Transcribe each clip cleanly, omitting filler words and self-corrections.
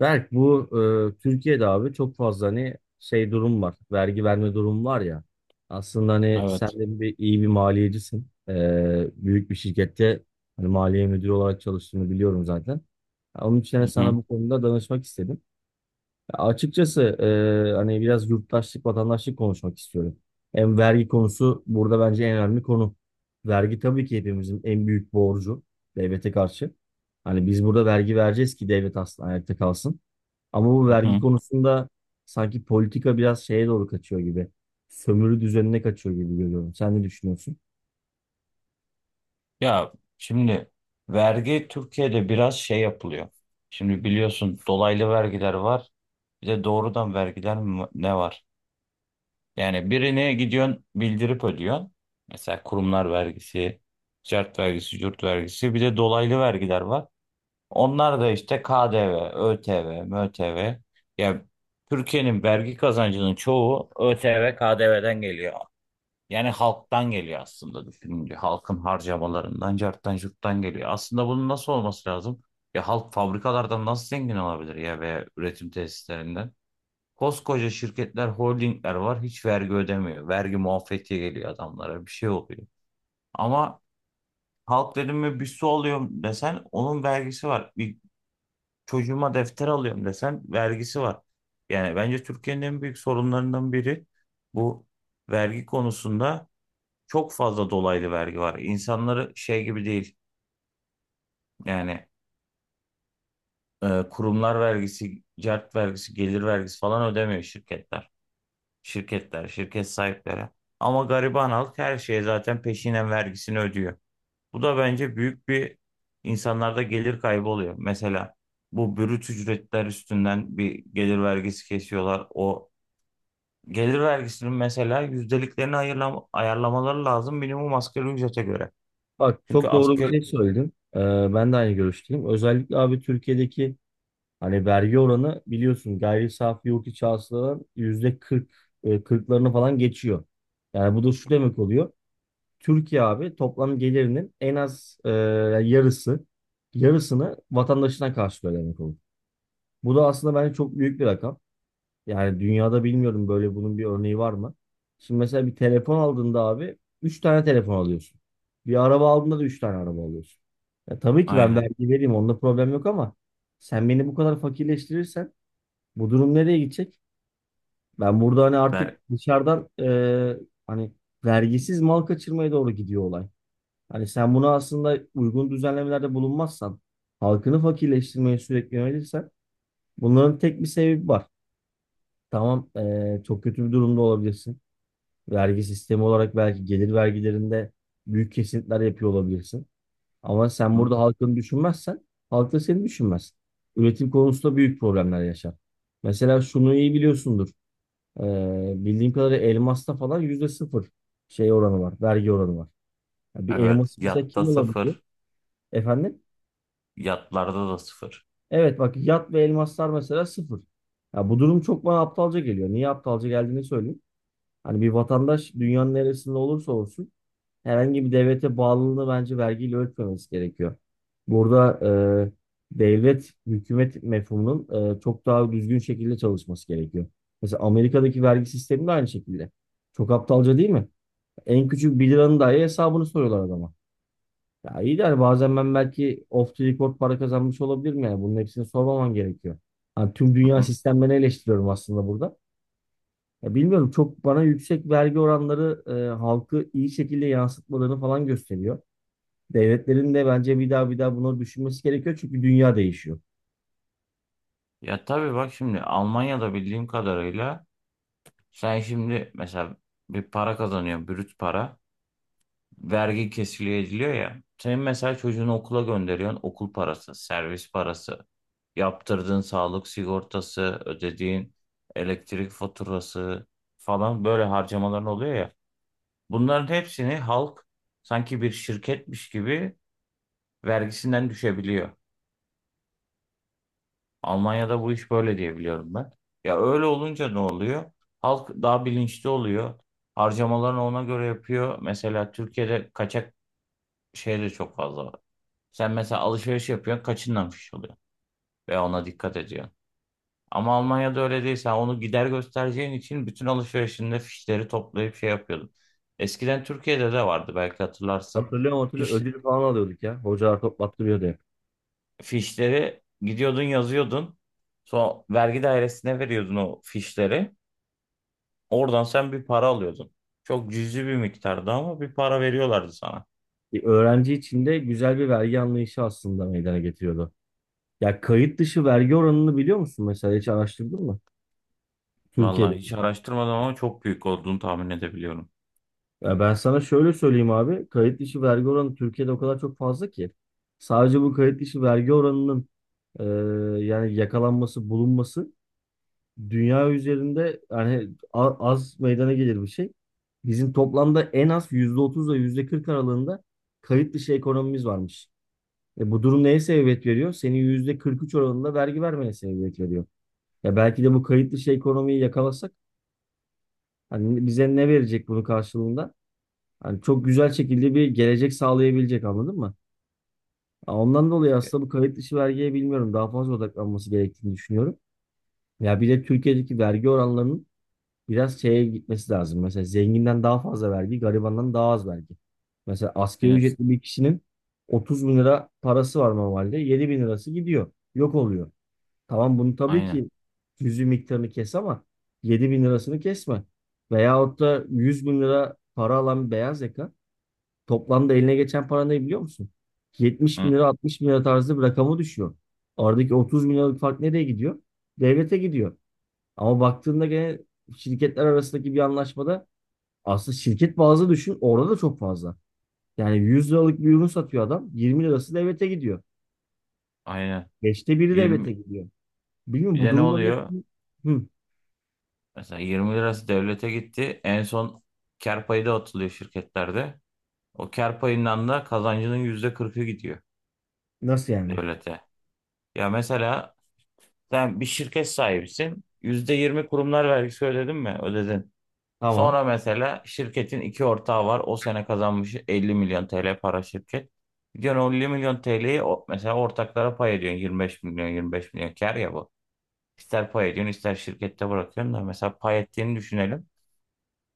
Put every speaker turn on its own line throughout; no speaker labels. Berk bu Türkiye'de abi çok fazla hani şey durum var. Vergi verme durum var ya. Aslında hani sen
Evet.
de iyi bir maliyecisin. Büyük bir şirkette hani maliye müdürü olarak çalıştığını biliyorum zaten. Ya onun için
Hı
hani sana
hı,
bu konuda danışmak istedim. Açıkçası hani biraz yurttaşlık, vatandaşlık konuşmak istiyorum. Hem vergi konusu burada bence en önemli konu. Vergi tabii ki hepimizin en büyük borcu devlete karşı. Hani biz burada vergi vereceğiz ki devlet aslında ayakta kalsın. Ama bu
hı
vergi
hı.
konusunda sanki politika biraz şeye doğru kaçıyor gibi. Sömürü düzenine kaçıyor gibi görüyorum. Sen ne düşünüyorsun?
Ya şimdi vergi Türkiye'de biraz şey yapılıyor. Şimdi biliyorsun dolaylı vergiler var. Bir de doğrudan vergiler ne var? Yani birine gidiyorsun bildirip ödüyorsun. Mesela kurumlar vergisi, ticaret vergisi, yurt vergisi. Bir de dolaylı vergiler var. Onlar da işte KDV, ÖTV, MÖTV. Ya Türkiye'nin vergi kazancının çoğu ÖTV, KDV'den geliyor. Yani halktan geliyor aslında düşününce. Halkın harcamalarından, carttan curttan geliyor. Aslında bunun nasıl olması lazım? Ya halk fabrikalardan nasıl zengin olabilir ya veya üretim tesislerinden? Koskoca şirketler, holdingler var. Hiç vergi ödemiyor. Vergi muafiyeti geliyor adamlara. Bir şey oluyor. Ama halk dedim mi bir su alıyorum desen onun vergisi var. Bir çocuğuma defter alıyorum desen vergisi var. Yani bence Türkiye'nin en büyük sorunlarından biri bu vergi konusunda çok fazla dolaylı vergi var. İnsanları şey gibi değil yani kurumlar vergisi, cert vergisi, gelir vergisi falan ödemiyor şirketler. Şirketler, şirket sahipleri. Ama gariban halk her şeye zaten peşinen vergisini ödüyor. Bu da bence büyük bir insanlarda gelir kaybı oluyor. Mesela bu brüt ücretler üstünden bir gelir vergisi kesiyorlar. O gelir vergisinin mesela yüzdeliklerini ayarlamaları lazım minimum asgari ücrete göre.
Bak
Çünkü
çok doğru bir
asgari
şey söyledin. Ben de aynı görüşteyim. Özellikle abi Türkiye'deki hani vergi oranı biliyorsun gayri safi yurt içi hasıladan %40, 40'larını falan geçiyor. Yani bu da şu demek oluyor. Türkiye abi toplam gelirinin en az yani yarısını vatandaşına karşılıyor demek olur. Bu da aslında bence çok büyük bir rakam. Yani dünyada bilmiyorum böyle bunun bir örneği var mı? Şimdi mesela bir telefon aldığında abi 3 tane telefon alıyorsun. Bir araba aldığında da 3 tane araba alıyorsun. Ya tabii ki ben
aynen.
vergi vereyim onda problem yok, ama sen beni bu kadar fakirleştirirsen bu durum nereye gidecek? Ben burada hani artık
Der,
dışarıdan hani vergisiz mal kaçırmaya doğru gidiyor olay. Hani sen bunu aslında uygun düzenlemelerde bulunmazsan, halkını fakirleştirmeye sürekli yönelirsen bunların tek bir sebebi var. Tamam, çok kötü bir durumda olabilirsin. Vergi sistemi olarak belki gelir vergilerinde büyük kesintiler yapıyor olabilirsin. Ama sen
hı?
burada halkını düşünmezsen halk da seni düşünmez. Üretim konusunda büyük problemler yaşar. Mesela şunu iyi biliyorsundur. Bildiğim kadarıyla elmasta falan yüzde sıfır şey oranı var. Vergi oranı var. Ya bir
Evet.
elmas mesela
Yatta
kim olabiliyor?
sıfır.
Efendim?
Yatlarda da sıfır.
Evet, bak yat ve elmaslar mesela sıfır. Ya bu durum çok bana aptalca geliyor. Niye aptalca geldiğini söyleyeyim. Hani bir vatandaş dünyanın neresinde olursa olsun herhangi bir devlete bağlılığını bence vergiyle ölçmemesi gerekiyor. Burada devlet, hükümet mefhumunun çok daha düzgün şekilde çalışması gerekiyor. Mesela Amerika'daki vergi sistemi de aynı şekilde. Çok aptalca değil mi? En küçük bir liranın dahi hesabını soruyorlar adama. Ya iyi de hani bazen ben belki off the record para kazanmış olabilirim yani. Bunun hepsini sormaman gerekiyor. Hani tüm
Hı
dünya
hı.
sistemlerini eleştiriyorum aslında burada. Ya bilmiyorum, çok bana yüksek vergi oranları halkı iyi şekilde yansıtmalarını falan gösteriyor. Devletlerin de bence bir daha bir daha bunu düşünmesi gerekiyor çünkü dünya değişiyor.
Ya tabii bak şimdi Almanya'da bildiğim kadarıyla sen şimdi mesela bir para kazanıyorsun. Brüt para. Vergi kesiliyor ediliyor ya. Senin mesela çocuğunu okula gönderiyorsun. Okul parası, servis parası, yaptırdığın sağlık sigortası, ödediğin elektrik faturası falan böyle harcamaların oluyor ya. Bunların hepsini halk sanki bir şirketmiş gibi vergisinden düşebiliyor. Almanya'da bu iş böyle diye biliyorum ben. Ya öyle olunca ne oluyor? Halk daha bilinçli oluyor. Harcamalarını ona göre yapıyor. Mesela Türkiye'de kaçak şey de çok fazla var. Sen mesela alışveriş yapıyorsun, kaçınlamış oluyor ve ona dikkat ediyorsun. Ama Almanya'da öyle değil. Sen onu gider göstereceğin için bütün alışverişinde fişleri toplayıp şey yapıyordun. Eskiden Türkiye'de de vardı belki hatırlarsın.
Hatırlıyorum, hatırlıyorum,
Fiş,
ödül falan alıyorduk ya. Hocalar toplattırıyordu hep.
fişleri gidiyordun yazıyordun. Sonra vergi dairesine veriyordun o fişleri. Oradan sen bir para alıyordun. Çok cüzi bir miktardı ama bir para veriyorlardı sana.
Bir öğrenci için de güzel bir vergi anlayışı aslında meydana getiriyordu. Ya kayıt dışı vergi oranını biliyor musun mesela, hiç araştırdın mı?
Vallahi
Türkiye'de.
hiç araştırmadım ama çok büyük olduğunu tahmin edebiliyorum.
Ya ben sana şöyle söyleyeyim abi. Kayıt dışı vergi oranı Türkiye'de o kadar çok fazla ki. Sadece bu kayıt dışı vergi oranının e, yani yakalanması, bulunması dünya üzerinde yani az meydana gelir bir şey. Bizim toplamda en az %30 ile %40 aralığında kayıt dışı ekonomimiz varmış. E, bu durum neye sebebiyet veriyor? Senin %43 oranında vergi vermeye sebebiyet veriyor. Ya belki de bu kayıt dışı ekonomiyi yakalasak, hani bize ne verecek bunun karşılığında? Hani çok güzel şekilde bir gelecek sağlayabilecek, anladın mı? Ya ondan dolayı aslında bu kayıt dışı vergiye bilmiyorum, daha fazla odaklanması gerektiğini düşünüyorum. Ya bir de Türkiye'deki vergi oranlarının biraz şeye gitmesi lazım. Mesela zenginden daha fazla vergi, garibandan daha az vergi. Mesela asgari
Aynen.
ücretli bir kişinin 30 bin lira parası var normalde. 7 bin lirası gidiyor. Yok oluyor. Tamam, bunu tabii
Aynen.
ki cüzi miktarını kes ama 7 bin lirasını kesme. Veyahut da 100 bin lira para alan bir beyaz yaka toplamda eline geçen para ne biliyor musun? 70 bin
Hı,
lira, 60 bin lira tarzı bir rakama düşüyor. Aradaki 30 bin liralık fark nereye gidiyor? Devlete gidiyor. Ama baktığında gene şirketler arasındaki bir anlaşmada, aslında şirket bazlı düşün, orada da çok fazla. Yani 100 liralık bir ürün satıyor adam, 20 lirası devlete gidiyor.
aynen.
Beşte biri
20
devlete gidiyor. Bilmiyorum
Bir
bu
de ne
durumda ne?
oluyor?
Hı.
Mesela 20 lirası devlete gitti. En son kar payı da atılıyor şirketlerde. O kar payından da kazancının %40'ı gidiyor
Nasıl yani?
devlete. Ya mesela sen bir şirket sahibisin. %20 kurumlar vergisi ödedin mi? Ödedin.
Tamam.
Sonra mesela şirketin iki ortağı var. O sene kazanmış 50 milyon TL para şirket. Gidiyorsun o 50 milyon TL'yi mesela ortaklara pay ediyorsun. 25 milyon 25 milyon kar ya bu. İster pay ediyorsun ister şirkette bırakıyorsun da mesela pay ettiğini düşünelim.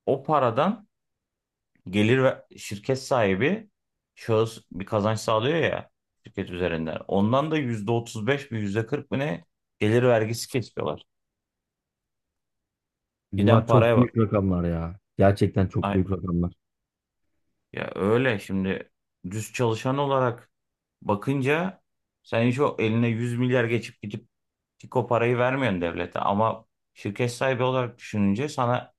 O paradan gelir ve şirket sahibi şahıs bir kazanç sağlıyor ya şirket üzerinden. Ondan da %35 mi %40 mı ne gelir vergisi kesiyorlar.
Bunlar
Giden
çok
paraya
büyük rakamlar ya. Gerçekten çok büyük
bak.
rakamlar.
Ya öyle şimdi düz çalışan olarak bakınca sen hiç o eline 100 milyar geçip gidip tik o parayı vermiyorsun devlete ama şirket sahibi olarak düşününce sana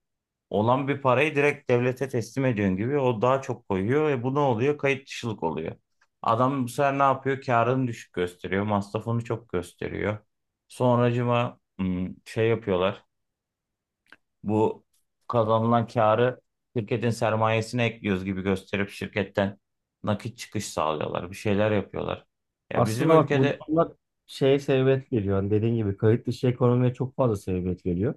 olan bir parayı direkt devlete teslim ediyorsun gibi o daha çok koyuyor ve bu ne oluyor? Kayıt dışılık oluyor. Adam bu sefer ne yapıyor? Karını düşük gösteriyor, masrafını çok gösteriyor. Sonracıma şey yapıyorlar. Bu kazanılan karı şirketin sermayesine ekliyoruz gibi gösterip şirketten nakit çıkış sağlıyorlar. Bir şeyler yapıyorlar. Ya bizim
Aslında bak, bu
ülkede
durumlar şeye sebebiyet veriyor. Hani dediğin gibi kayıt dışı ekonomiye çok fazla sebebiyet veriyor.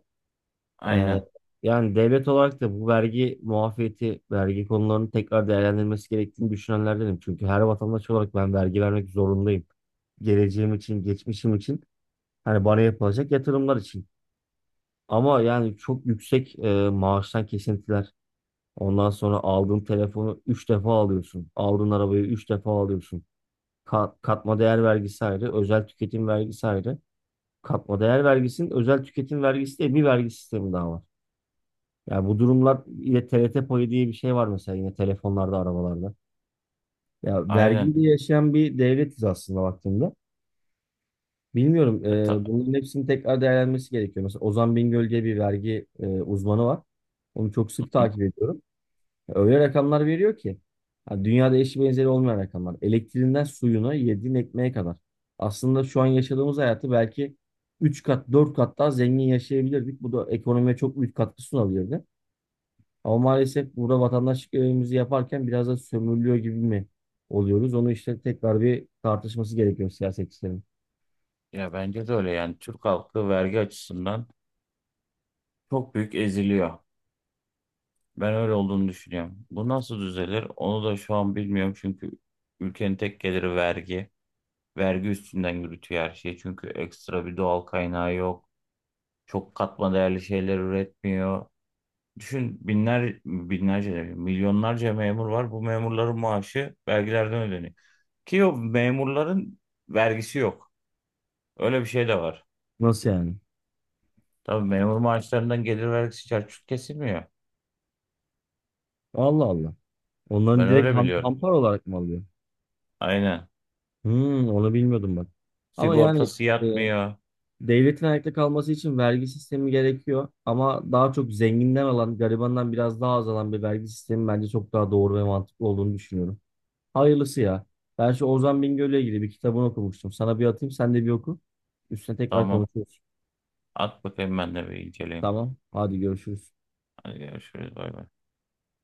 Ee,
aynen
Yani devlet olarak da bu vergi muafiyeti, vergi konularının tekrar değerlendirilmesi gerektiğini düşünenlerdenim. Çünkü her vatandaş olarak ben vergi vermek zorundayım. Geleceğim için, geçmişim için, hani bana yapılacak yatırımlar için. Ama yani çok yüksek maaştan kesintiler. Ondan sonra aldığın telefonu 3 defa alıyorsun. Aldığın arabayı 3 defa alıyorsun. Katma değer vergisi ayrı, özel tüketim vergisi ayrı. Katma değer vergisinin özel tüketim vergisi diye bir vergi sistemi daha var. Yani bu durumlar yine TRT payı diye bir şey var mesela, yine telefonlarda, arabalarda. Ya
aynen
vergiyle yaşayan bir devletiz aslında baktığımda. Bilmiyorum,
E ta-
bunların hepsinin tekrar değerlenmesi gerekiyor. Mesela Ozan Bingöl diye bir vergi uzmanı var. Onu çok sık takip ediyorum. Öyle rakamlar veriyor ki. Ha, Dünyada eşi benzeri olmayan rakamlar. Elektriğinden suyuna, yediğin ekmeğe kadar. Aslında şu an yaşadığımız hayatı belki 3 kat, 4 kat daha zengin yaşayabilirdik. Bu da ekonomiye çok büyük katkı sunabilirdi. Ama maalesef burada vatandaşlık görevimizi yaparken biraz da sömürülüyor gibi mi oluyoruz? Onu işte tekrar bir tartışması gerekiyor siyasetçilerin.
ya bence de öyle yani Türk halkı vergi açısından çok büyük eziliyor. Ben öyle olduğunu düşünüyorum. Bu nasıl düzelir? Onu da şu an bilmiyorum çünkü ülkenin tek geliri vergi. Vergi üstünden yürütüyor her şeyi. Çünkü ekstra bir doğal kaynağı yok. Çok katma değerli şeyler üretmiyor. Düşün binler, binlerce, demeyeyim, milyonlarca memur var. Bu memurların maaşı vergilerden ödeniyor. Ki o memurların vergisi yok. Öyle bir şey de var.
Nasıl yani?
Tabii memur maaşlarından gelir vergisi çarçur kesilmiyor.
Allah Allah. Onların
Ben
direkt
öyle biliyorum.
hampar olarak mı alıyor?
Aynen.
Onu bilmiyordum bak. Ama yani
Sigortası
e,
yatmıyor.
devletin ayakta kalması için vergi sistemi gerekiyor ama daha çok zenginden alan, garibandan biraz daha az alan bir vergi sistemi bence çok daha doğru ve mantıklı olduğunu düşünüyorum. Hayırlısı ya. Ben şu Ozan Bingöl'le ilgili bir kitabını okumuştum. Sana bir atayım, sen de bir oku. Üstüne tekrar
Tamam.
konuşuruz.
At bakayım ben de bir inceleyeyim.
Tamam, hadi görüşürüz.
Hadi görüşürüz. Bay bay.